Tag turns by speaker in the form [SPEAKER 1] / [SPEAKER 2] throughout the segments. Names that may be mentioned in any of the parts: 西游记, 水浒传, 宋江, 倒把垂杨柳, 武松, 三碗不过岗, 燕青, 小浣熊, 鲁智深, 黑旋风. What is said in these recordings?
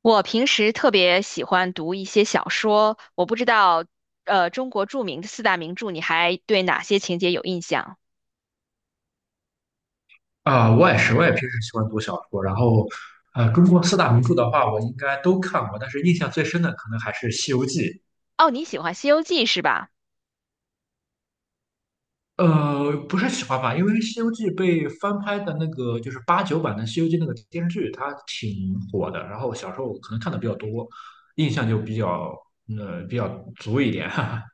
[SPEAKER 1] 我平时特别喜欢读一些小说，我不知道，中国著名的四大名著，你还对哪些情节有印象？
[SPEAKER 2] 啊、我也是，我也平时喜欢读小说。然后，中国四大名著的话，我应该都看过，但是印象最深的可能还是《西游记》。
[SPEAKER 1] 哦，你喜欢《西游记》是吧？
[SPEAKER 2] 不是喜欢吧，因为《西游记》被翻拍的那个就是八九版的《西游记》那个电视剧，它挺火的。然后小时候可能看的比较多，印象就比较呃比较足一点。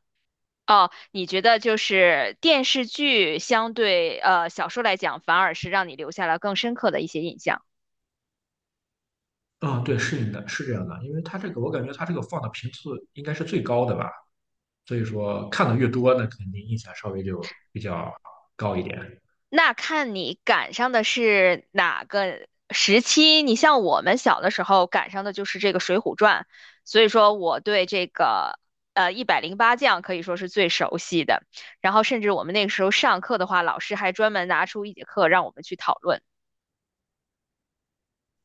[SPEAKER 1] 哦，你觉得就是电视剧相对小说来讲，反而是让你留下了更深刻的一些印象。
[SPEAKER 2] 嗯，对，是的，是这样的，因为它这个我感觉它这个放的频次应该是最高的吧，所以说看的越多，那肯定印象稍微就比较高一点。
[SPEAKER 1] 那看你赶上的是哪个时期。你像我们小的时候赶上的就是这个《水浒传》，所以说我对这个一百零八将可以说是最熟悉的。然后甚至我们那个时候上课的话，老师还专门拿出一节课让我们去讨论。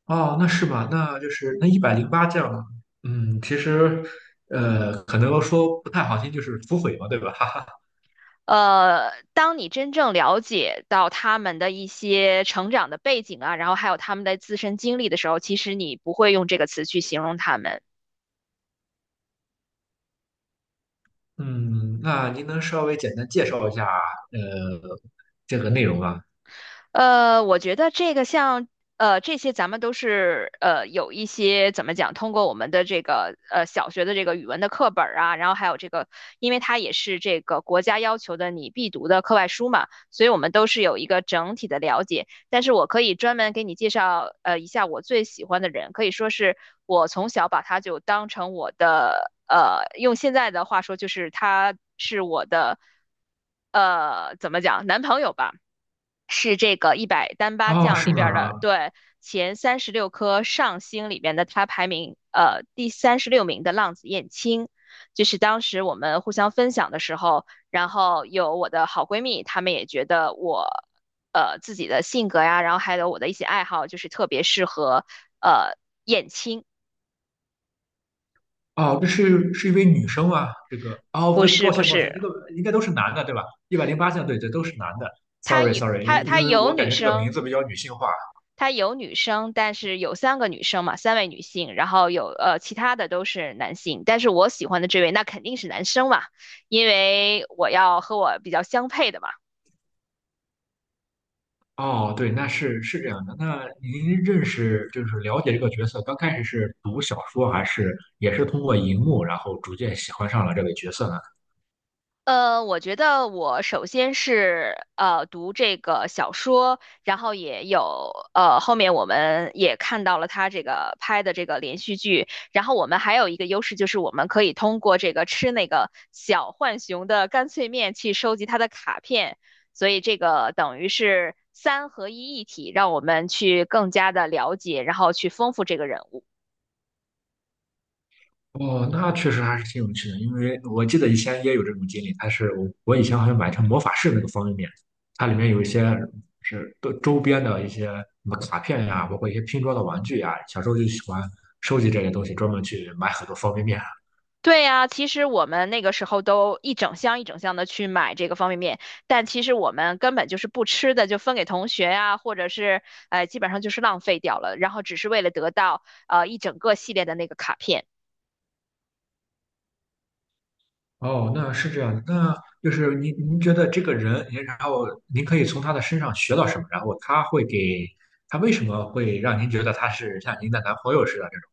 [SPEAKER 2] 哦，那是吧？那就是那一百零八将，嗯，其实，可能说不太好听，就是土匪嘛，对吧？哈哈。
[SPEAKER 1] 当你真正了解到他们的一些成长的背景啊，然后还有他们的自身经历的时候，其实你不会用这个词去形容他们。
[SPEAKER 2] 嗯，那您能稍微简单介绍一下，呃，这个内容吗？
[SPEAKER 1] 我觉得这个像这些，咱们都是有一些怎么讲，通过我们的这个小学的这个语文的课本儿啊，然后还有这个，因为它也是这个国家要求的你必读的课外书嘛，所以我们都是有一个整体的了解。但是我可以专门给你介绍一下我最喜欢的人，可以说是我从小把他就当成我的用现在的话说就是他是我的怎么讲男朋友吧。是这个一百单八
[SPEAKER 2] 哦，
[SPEAKER 1] 将
[SPEAKER 2] 是
[SPEAKER 1] 里边儿的，
[SPEAKER 2] 吗？
[SPEAKER 1] 对，前三十六颗上星里边的，他排名第三十六名的浪子燕青，就是当时我们互相分享的时候，然后有我的好闺蜜，她们也觉得我自己的性格呀，然后还有我的一些爱好，就是特别适合呃燕青，
[SPEAKER 2] 哦，这是一位女生吗？这个，哦，
[SPEAKER 1] 不
[SPEAKER 2] 对，
[SPEAKER 1] 是
[SPEAKER 2] 抱
[SPEAKER 1] 不
[SPEAKER 2] 歉，抱歉，这
[SPEAKER 1] 是，
[SPEAKER 2] 个应该都是男的，对吧？一百零八将，对对，都是男的。
[SPEAKER 1] 她有
[SPEAKER 2] Sorry，Sorry，
[SPEAKER 1] 她
[SPEAKER 2] 因
[SPEAKER 1] 她
[SPEAKER 2] 因为
[SPEAKER 1] 有
[SPEAKER 2] 我感
[SPEAKER 1] 女
[SPEAKER 2] 觉这个名
[SPEAKER 1] 生
[SPEAKER 2] 字比较女性化。
[SPEAKER 1] 他有女生，但是有三个女生嘛，三位女性，然后有其他的都是男性，但是我喜欢的这位那肯定是男生嘛，因为我要和我比较相配的嘛。
[SPEAKER 2] 哦，对，那是这样的。那您认识就是了解这个角色，刚开始是读小说，还是也是通过荧幕，然后逐渐喜欢上了这个角色呢？
[SPEAKER 1] 我觉得我首先是读这个小说，然后也有后面我们也看到了他这个拍的这个连续剧，然后我们还有一个优势就是我们可以通过这个吃那个小浣熊的干脆面去收集他的卡片，所以这个等于是三合一一体，让我们去更加的了解，然后去丰富这个人物。
[SPEAKER 2] 哦，那确实还是挺有趣的，因为我记得以前也有这种经历。它是我以前好像买成魔法师那个方便面，它里面有一些是边的一些什么卡片呀，包括一些拼装的玩具呀。小时候就喜欢收集这些东西，专门去买很多方便面。
[SPEAKER 1] 对呀，其实我们那个时候都一整箱一整箱的去买这个方便面，但其实我们根本就是不吃的，就分给同学呀、或者是基本上就是浪费掉了，然后只是为了得到一整个系列的那个卡片。
[SPEAKER 2] 哦，那是这样的，那就是您觉得这个人，您然后您可以从他的身上学到什么？然后他会给他为什么会让您觉得他是像您的男朋友似的这种？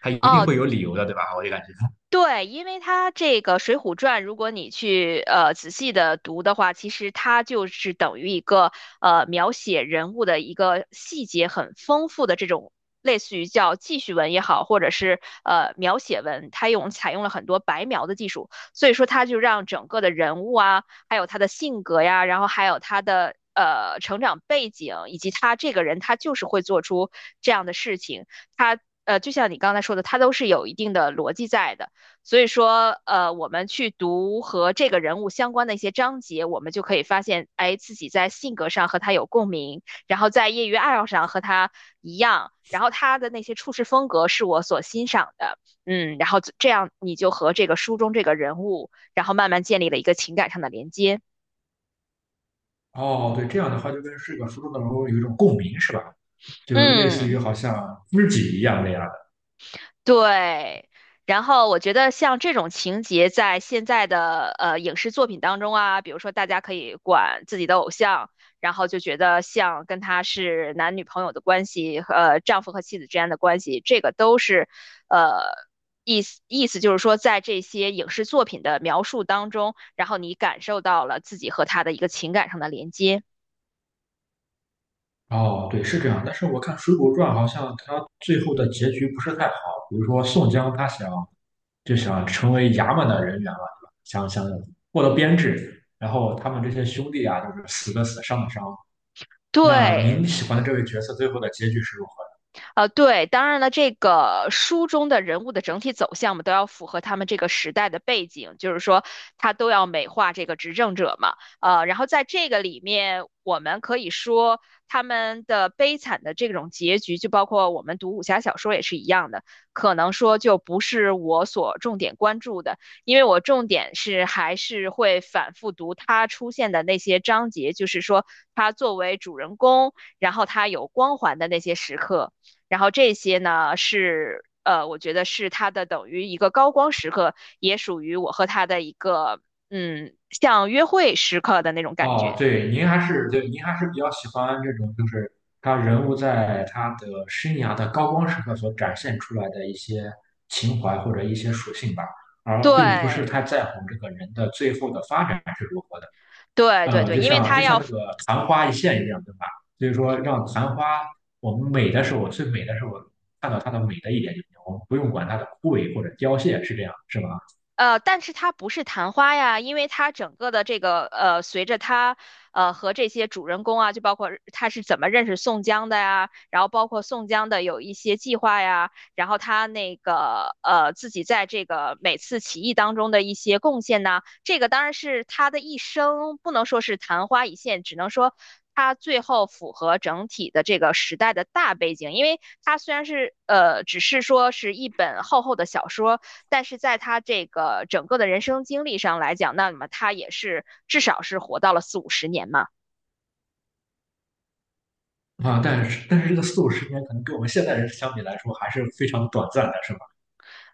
[SPEAKER 2] 他一定
[SPEAKER 1] 哦，
[SPEAKER 2] 会有理由的，对吧？我就感觉。
[SPEAKER 1] 对，因为它这个《水浒传》，如果你去仔细的读的话，其实它就是等于一个描写人物的一个细节很丰富的这种，类似于叫记叙文也好，或者是描写文，它采用了很多白描的技术，所以说它就让整个的人物啊，还有他的性格呀，然后还有他的，成长背景以及他这个人，他就是会做出这样的事情，他就像你刚才说的，他都是有一定的逻辑在的。所以说，我们去读和这个人物相关的一些章节，我们就可以发现，哎，自己在性格上和他有共鸣，然后在业余爱好上和他一样，然后他的那些处事风格是我所欣赏的。嗯，然后这样你就和这个书中这个人物，然后慢慢建立了一个情感上的连接。
[SPEAKER 2] 哦，对，这样的话就跟这个书中的人物有一种共鸣，是吧？就类似于
[SPEAKER 1] 嗯。
[SPEAKER 2] 好像知己一样那样。
[SPEAKER 1] 对，然后我觉得像这种情节，在现在的影视作品当中啊，比如说大家可以管自己的偶像，然后就觉得像跟他是男女朋友的关系，呃，丈夫和妻子之间的关系，这个都是呃意思就是说，在这些影视作品的描述当中，然后你感受到了自己和他的一个情感上的连接。
[SPEAKER 2] 哦，对，是这样。但是我看《水浒传》好像它最后的结局不是太好，比如说宋江他想就想成为衙门的人员嘛，对吧？想获得编制，然后他们这些兄弟啊，就是死的死，伤的伤。那
[SPEAKER 1] 对，
[SPEAKER 2] 您喜欢的这位角色最后的结局是如何？
[SPEAKER 1] 对，当然了，这个书中的人物的整体走向嘛，都要符合他们这个时代的背景，就是说他都要美化这个执政者嘛。然后在这个里面，我们可以说他们的悲惨的这种结局，就包括我们读武侠小说也是一样的，可能说就不是我所重点关注的，因为我重点是还是会反复读他出现的那些章节，就是说他作为主人公，然后他有光环的那些时刻。然后这些呢是我觉得是他的等于一个高光时刻，也属于我和他的一个嗯，像约会时刻的那种感
[SPEAKER 2] 哦，
[SPEAKER 1] 觉。
[SPEAKER 2] 对，您还是对，您还是比较喜欢这种，就是他人物在他的生涯的高光时刻所展现出来的一些情怀或者一些属性吧，而并不是太
[SPEAKER 1] 对
[SPEAKER 2] 在乎这个人的最后的发展是如何的。
[SPEAKER 1] 对对对，
[SPEAKER 2] 就
[SPEAKER 1] 因为
[SPEAKER 2] 像
[SPEAKER 1] 他要
[SPEAKER 2] 那个昙花一现一样，对吧？所以说，让昙花我们美的时候，最美的时候看到它的美的一点就行，我们不用管它的枯萎或者凋谢，是这样，是吧？
[SPEAKER 1] 但是它不是昙花呀，因为它整个的这个随着他和这些主人公啊，就包括他是怎么认识宋江的呀，然后包括宋江的有一些计划呀，然后他那个自己在这个每次起义当中的一些贡献呐，这个当然是他的一生，不能说是昙花一现，只能说。他最后符合整体的这个时代的大背景，因为它虽然是只是说是一本厚厚的小说，但是在他这个整个的人生经历上来讲，那么他也是至少是活到了四五十年嘛。
[SPEAKER 2] 啊，但是这个4、50年可能跟我们现代人相比来说还是非常短暂的，是吧？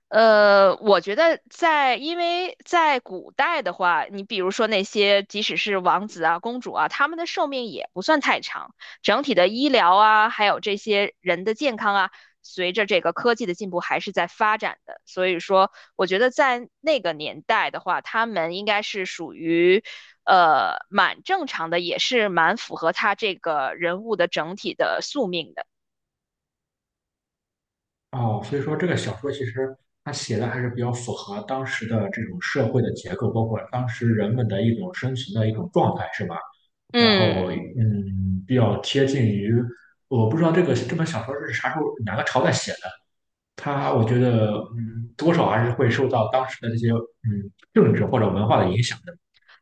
[SPEAKER 1] 我觉得在，因为在古代的话，你比如说那些即使是王子啊、公主啊，他们的寿命也不算太长，整体的医疗啊，还有这些人的健康啊，随着这个科技的进步还是在发展的。所以说，我觉得在那个年代的话，他们应该是属于，蛮正常的，也是蛮符合他这个人物的整体的宿命的。
[SPEAKER 2] 哦，所以说这个小说其实它写的还是比较符合当时的这种社会的结构，包括当时人们的一种生存的一种状态，是吧？然后，
[SPEAKER 1] 嗯。
[SPEAKER 2] 嗯，比较贴近于，我不知道这个这本小说是啥时候哪个朝代写的，它我觉得，嗯，多少还是会受到当时的这些，嗯，政治或者文化的影响的。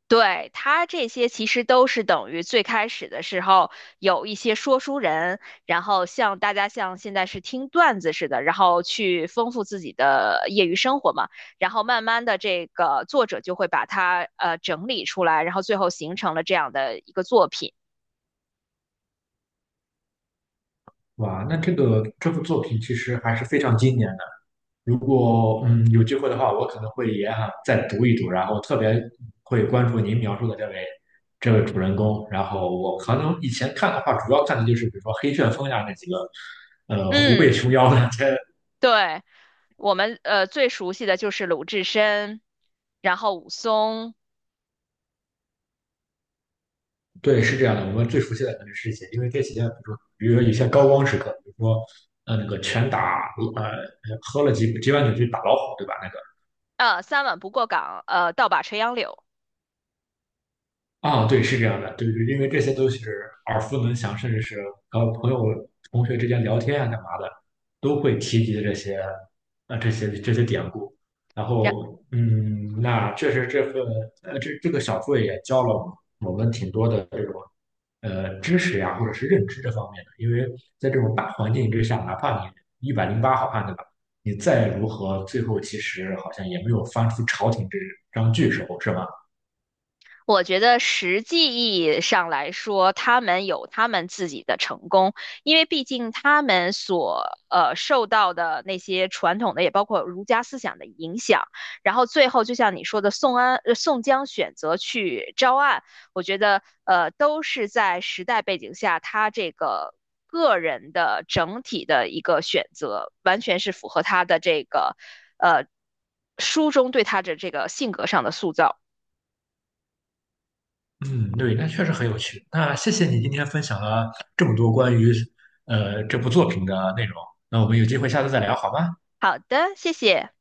[SPEAKER 1] 对，他这些其实都是等于最开始的时候有一些说书人，然后像大家像现在是听段子似的，然后去丰富自己的业余生活嘛。然后慢慢的，这个作者就会把它整理出来，然后最后形成了这样的一个作品。
[SPEAKER 2] 哇，那这个这部作品其实还是非常经典的如果嗯有机会的话，我可能会也想再读一读，然后特别会关注您描述的这位主人公。然后我可能以前看的话，主要看的就是比如说黑旋风呀那几个，虎背熊
[SPEAKER 1] 嗯，
[SPEAKER 2] 腰的。这
[SPEAKER 1] 对，我们最熟悉的就是鲁智深，然后武松，
[SPEAKER 2] 对是这样的，我们最熟悉的肯定是这些，因为这些比如说有些高光时刻，比如说那个拳打喝了几碗酒去打老虎，对吧？那个。
[SPEAKER 1] 三碗不过岗，倒把垂杨柳。
[SPEAKER 2] 啊，对，是这样的，对对，因为这些都是耳熟能详，甚至是和朋友、同学之间聊天啊、干嘛的，都会提及这些，啊，这些典故。然
[SPEAKER 1] 然。
[SPEAKER 2] 后，嗯，那确实这份，这个小说也教了我们挺多的这种，知识呀，或者是认知这方面的。因为在这种大环境之下，哪怕你108好汉，对吧？你再如何，最后其实好像也没有翻出朝廷这张巨手，是吧？
[SPEAKER 1] 我觉得实际意义上来说，他们有他们自己的成功，因为毕竟他们所受到的那些传统的，也包括儒家思想的影响，然后最后就像你说的，宋江选择去招安，我觉得都是在时代背景下，他这个个人的整体的一个选择，完全是符合他的这个呃书中对他的这个性格上的塑造。
[SPEAKER 2] 嗯，对，那确实很有趣。那谢谢你今天分享了这么多关于这部作品的内容。那我们有机会下次再聊，好吗？
[SPEAKER 1] 好的，谢谢。